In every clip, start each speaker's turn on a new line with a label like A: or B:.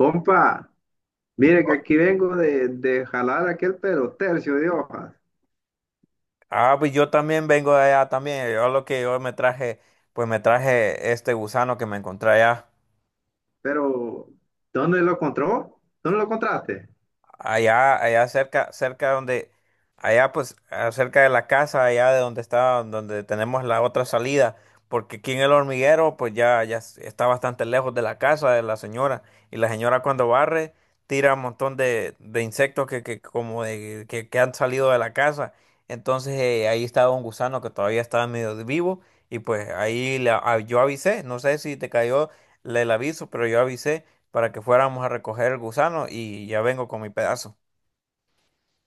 A: Compa, mire que aquí vengo de jalar aquel pero tercio de hojas.
B: Ah, pues yo también vengo de allá también. Yo lo que yo me traje, pues me traje este gusano que me encontré allá.
A: Pero, ¿dónde lo encontró? ¿Dónde lo encontraste?
B: Allá cerca, cerca donde, allá pues, cerca de la casa, allá de donde está, donde tenemos la otra salida, porque aquí en el hormiguero, pues está bastante lejos de la casa de la señora, y la señora cuando barre, tira un montón de insectos que han salido de la casa, entonces ahí estaba un gusano que todavía estaba medio vivo, y pues yo avisé, no sé si te cayó el aviso, pero yo avisé, para que fuéramos a recoger el gusano y ya vengo con mi pedazo.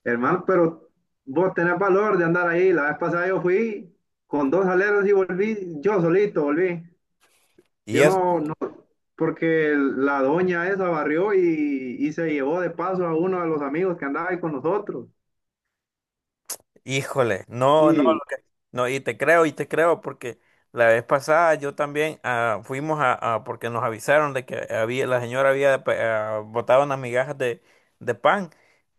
A: Hermano, pero vos tenés valor de andar ahí. La vez pasada yo fui con dos aleros y volví, yo solito volví.
B: Y
A: Yo
B: eso,
A: no, porque la doña esa barrió y se llevó de paso a uno de los amigos que andaba ahí con nosotros.
B: híjole, no, no,
A: Y,
B: no, y te creo, porque la vez pasada yo también fuimos porque nos avisaron de que había, la señora había botado unas migajas de pan.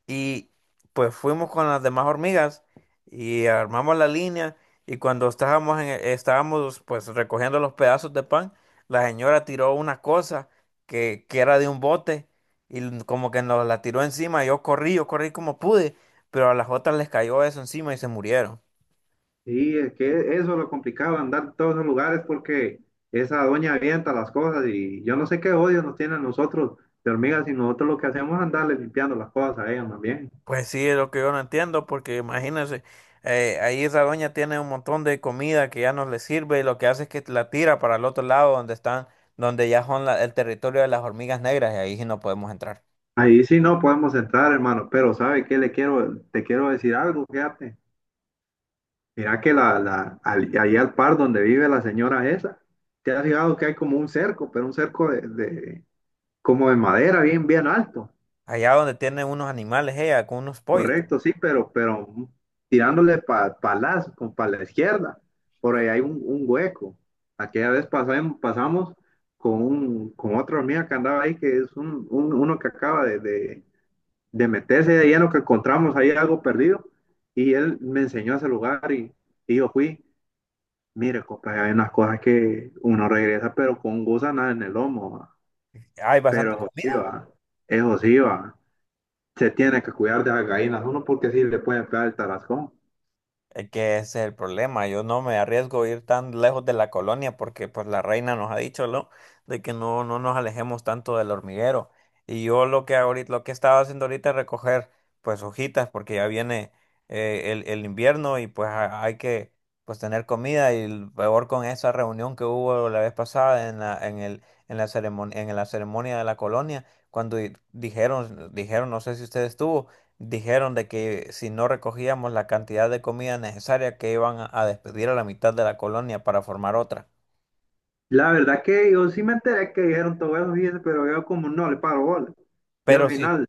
B: Y pues fuimos con las demás hormigas y armamos la línea y cuando estábamos pues recogiendo los pedazos de pan, la señora tiró una cosa que era de un bote y como que nos la tiró encima. Yo corrí como pude, pero a las otras les cayó eso encima y se murieron.
A: Sí, es que eso es lo complicado, andar en todos los lugares porque esa doña avienta las cosas y yo no sé qué odio nos tienen nosotros de hormigas, y nosotros lo que hacemos es andarle limpiando las cosas a ella más bien.
B: Pues sí, es lo que yo no entiendo, porque imagínense, ahí esa doña tiene un montón de comida que ya no le sirve y lo que hace es que la tira para el otro lado donde están, donde ya son el territorio de las hormigas negras y ahí sí no podemos entrar.
A: Ahí sí no podemos entrar, hermano, pero ¿sabe qué le quiero, te quiero decir algo? Fíjate. Mira que ahí al par donde vive la señora esa, te has fijado que hay como un cerco, pero un cerco como de madera bien, bien alto.
B: Allá donde tiene unos animales ella, con unos pollos,
A: Correcto, sí, pero tirándole pa la izquierda. Por ahí hay un hueco. Aquella vez pasamos con, con otra hormiga que andaba ahí, que es uno que acaba de meterse de lleno, que encontramos ahí algo perdido. Y él me enseñó ese lugar y yo fui. Mire, compa, hay unas cosas que uno regresa, pero con gusanas en el lomo. Va.
B: hay
A: Pero
B: bastante
A: eso sí
B: comida.
A: va, eso sí va. Se tiene que cuidar de las gallinas uno porque sí le pueden pegar el tarascón.
B: Es que ese es el problema. Yo no me arriesgo a ir tan lejos de la colonia porque pues la reina nos ha dicho, ¿no? De que no, no nos alejemos tanto del hormiguero. Y yo lo que ahorita, lo que estaba haciendo ahorita es recoger pues hojitas porque ya viene el invierno y pues hay que pues tener comida y el peor con esa reunión que hubo la vez pasada en en la ceremonia de la colonia cuando dijeron, dijeron, no sé si usted estuvo. Dijeron de que si no recogíamos la cantidad de comida necesaria que iban a despedir a la mitad de la colonia para formar otra.
A: La verdad que yo sí me enteré que dijeron todo eso, fíjese, pero yo como no le paro bola. Yo al
B: Pero sí,
A: final,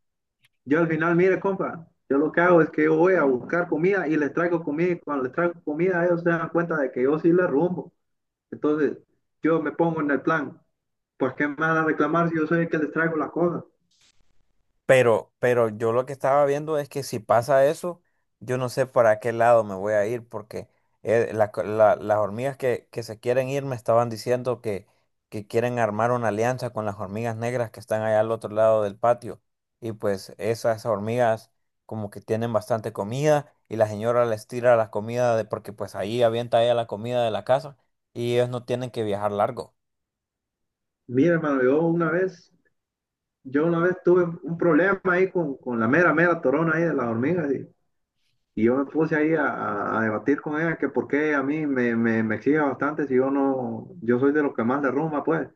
A: yo al final, mire, compa, yo lo que hago es que yo voy a buscar comida y les traigo comida, y cuando les traigo comida ellos se dan cuenta de que yo sí les rumbo. Entonces, yo me pongo en el plan, pues ¿qué me van a reclamar si yo soy el que les traigo las cosas?
B: pero yo lo que estaba viendo es que si pasa eso, yo no sé para qué lado me voy a ir, porque las hormigas que se quieren ir me estaban diciendo que quieren armar una alianza con las hormigas negras que están allá al otro lado del patio. Y pues esas hormigas como que tienen bastante comida y la señora les tira la comida de, porque pues ahí avienta ella la comida de la casa y ellos no tienen que viajar largo.
A: Mire, hermano, yo una vez tuve un problema ahí con la mera torona ahí de las hormigas. Y yo me puse ahí a debatir con ella que por qué a mí me exige bastante si yo no, yo soy de los que más derrumba, pues.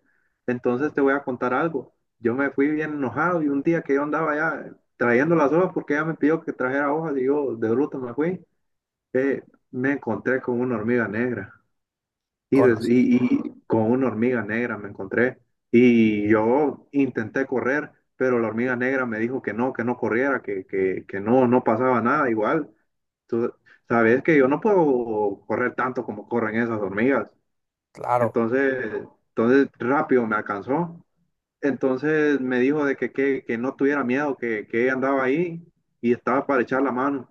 A: Entonces te voy a contar algo. Yo me fui bien enojado y un día que yo andaba ya trayendo las hojas porque ella me pidió que trajera hojas y yo de bruto me fui, eh, me encontré con una hormiga negra. Y,
B: Con,
A: y con una hormiga negra me encontré. Y yo intenté correr, pero la hormiga negra me dijo que no corriera, que no pasaba nada igual. Tú sabes que yo no puedo correr tanto como corren esas hormigas.
B: claro,
A: Entonces rápido me alcanzó. Entonces me dijo de que no tuviera miedo, que ella andaba ahí y estaba para echar la mano.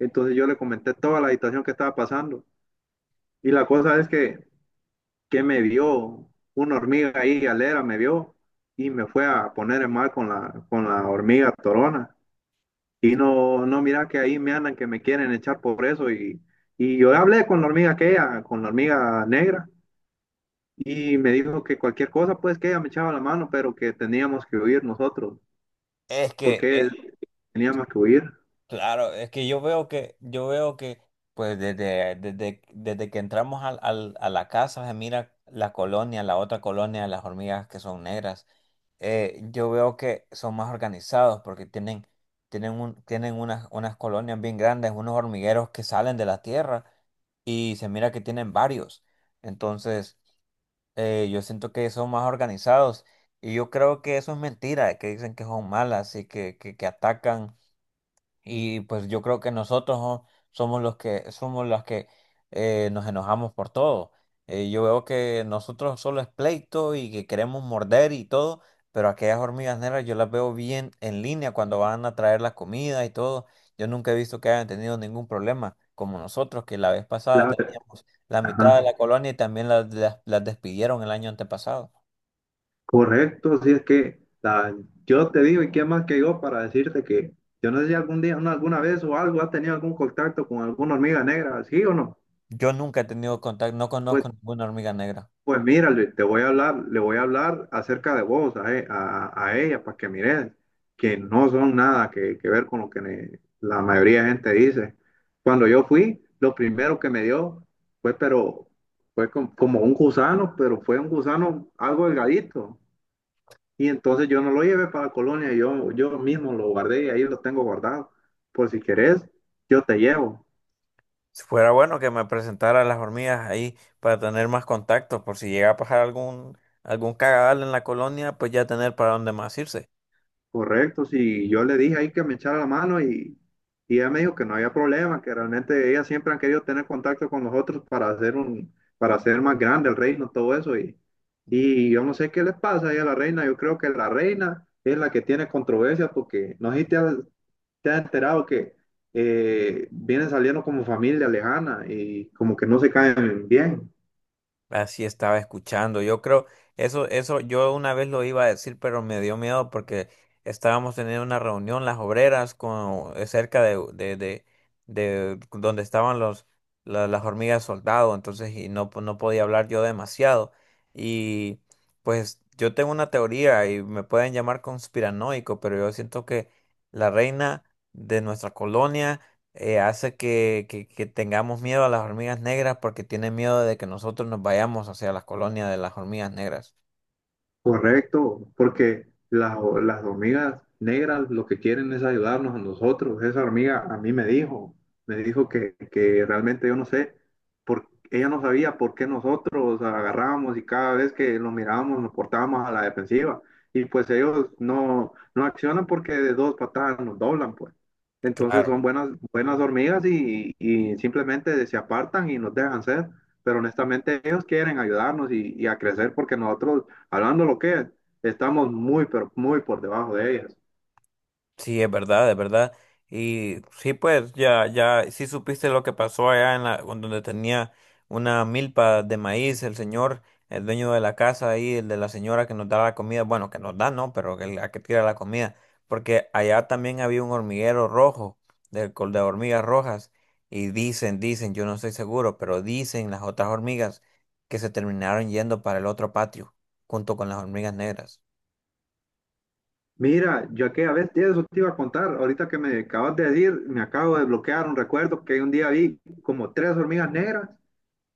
A: Entonces yo le comenté toda la situación que estaba pasando. Y la cosa es que me vio una hormiga ahí, galera, me vio y me fue a poner en mal con la hormiga torona. Y no, no, mira que ahí me andan que me quieren echar por eso. Y yo hablé con la hormiga aquella, con la hormiga negra, y me dijo que cualquier cosa, pues que ella me echaba la mano, pero que teníamos que huir nosotros,
B: es que
A: porque teníamos que huir.
B: claro, es que yo veo que, pues desde que entramos a la casa, se mira la colonia, la otra colonia, las hormigas que son negras. Eh, yo veo que son más organizados porque tienen tienen unas colonias bien grandes, unos hormigueros que salen de la tierra y se mira que tienen varios. Entonces, yo siento que son más organizados y yo creo que eso es mentira, que dicen que son malas y que atacan. Y pues yo creo que somos los que nos enojamos por todo. Yo veo que nosotros solo es pleito y que queremos morder y todo, pero aquellas hormigas negras yo las veo bien en línea cuando van a traer la comida y todo. Yo nunca he visto que hayan tenido ningún problema, como nosotros, que la vez pasada
A: La,
B: teníamos la mitad de
A: ajá,
B: la colonia y también las despidieron el año antepasado.
A: correcto, si es que yo te digo, y qué más que yo para decirte que yo no sé si algún día, no, alguna vez o algo, has tenido algún contacto con alguna hormiga negra, ¿sí o no?
B: Yo nunca he tenido contacto, no
A: Pues,
B: conozco ninguna hormiga negra.
A: pues mira, Luis, te voy a hablar, le voy a hablar acerca de vos a ella para que mires que no son nada que, que ver con lo que la mayoría de gente dice. Cuando yo fui, lo primero que me dio fue, pero fue como un gusano, pero fue un gusano algo delgadito. Y entonces yo no lo llevé para la colonia, yo mismo lo guardé y ahí lo tengo guardado. Por si querés, yo te llevo.
B: Si fuera bueno que me presentara a las hormigas ahí para tener más contactos, por si llega a pasar algún, algún cagadal en la colonia, pues ya tener para dónde más irse.
A: Correcto, sí, yo le dije ahí que me echara la mano y ella me dijo que no había problema, que realmente ellas siempre han querido tener contacto con nosotros para hacer para hacer más grande el reino, todo eso. Y yo no sé qué les pasa ahí a la reina, yo creo que la reina es la que tiene controversia porque no sé si te has, te has enterado que vienen saliendo como familia lejana y como que no se caen bien.
B: Así estaba escuchando. Yo creo, eso, yo una vez lo iba a decir, pero me dio miedo porque estábamos teniendo una reunión, las obreras, con, cerca de donde estaban los, las hormigas soldado, entonces, y no, no podía hablar yo demasiado. Y pues yo tengo una teoría y me pueden llamar conspiranoico, pero yo siento que la reina de nuestra colonia hace que tengamos miedo a las hormigas negras porque tienen miedo de que nosotros nos vayamos hacia las colonias de las hormigas negras.
A: Correcto, porque las, las hormigas negras lo que quieren es ayudarnos a nosotros. Esa hormiga a mí me dijo que realmente yo no sé, por, ella no sabía por qué nosotros agarrábamos y cada vez que los mirábamos nos portábamos a la defensiva. Y pues ellos no accionan porque de dos patadas nos doblan, pues. Entonces
B: Claro.
A: son buenas, buenas hormigas y simplemente se apartan y nos dejan ser. Pero honestamente ellos quieren ayudarnos y a crecer, porque nosotros, hablando lo que es, estamos muy, pero muy por debajo de ellas.
B: Sí, es verdad, es verdad. Y sí, pues ya, ya, sí supiste lo que pasó allá en la, con donde tenía una milpa de maíz, el señor, el dueño de la casa ahí, el de la señora que nos da la comida, bueno, que nos da, no, pero que la que tira la comida, porque allá también había un hormiguero rojo, de, de hormigas rojas, y dicen, dicen, yo no estoy seguro, pero dicen las otras hormigas que se terminaron yendo para el otro patio, junto con las hormigas negras.
A: Mira, yo aquella vez, tía, eso te iba a contar, ahorita que me acabas de decir, me acabo de bloquear un recuerdo, que un día vi como tres hormigas negras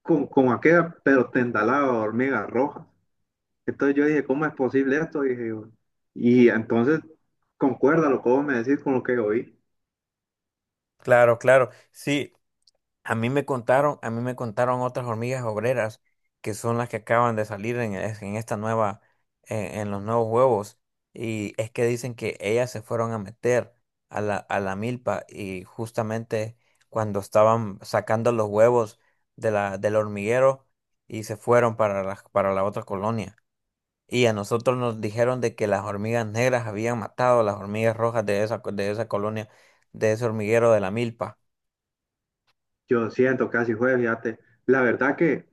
A: con aquella, pero tendalada de hormigas rojas. Entonces yo dije, ¿cómo es posible esto? Dije yo. Y entonces, concuerda lo que vos me decís con lo que oí.
B: Claro, claro, sí. A mí me contaron, a mí me contaron otras hormigas obreras que son las que acaban de salir en esta nueva, en los nuevos huevos. Y es que dicen que ellas se fueron a meter a la milpa y justamente cuando estaban sacando los huevos de la, del hormiguero y se fueron para para la otra colonia. Y a nosotros nos dijeron de que las hormigas negras habían matado a las hormigas rojas de esa colonia, de ese hormiguero de la milpa.
A: Yo siento casi fue, fíjate. La verdad que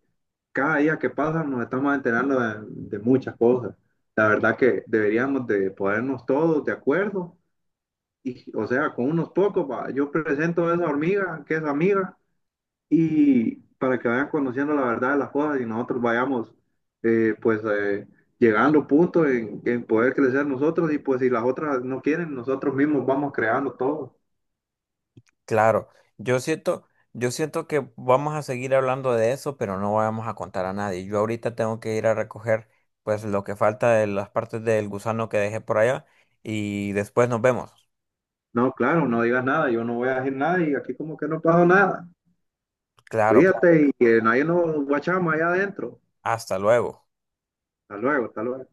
A: cada día que pasa nos estamos enterando de muchas cosas. La verdad que deberíamos de ponernos todos de acuerdo y, o sea, con unos pocos, va, yo presento a esa hormiga que es amiga y para que vayan conociendo la verdad de las cosas y nosotros vayamos, eh, pues eh, llegando a puntos en poder crecer nosotros, y pues si las otras no quieren, nosotros mismos vamos creando todo.
B: Claro, yo siento que vamos a seguir hablando de eso, pero no vamos a contar a nadie. Yo ahorita tengo que ir a recoger pues lo que falta de las partes del gusano que dejé por allá y después nos vemos.
A: No, claro, no digas nada, yo no voy a decir nada y aquí como que no pasó nada.
B: Claro, claro.
A: Cuídate y que nadie nos guachama allá adentro.
B: Hasta luego.
A: Hasta luego, hasta luego.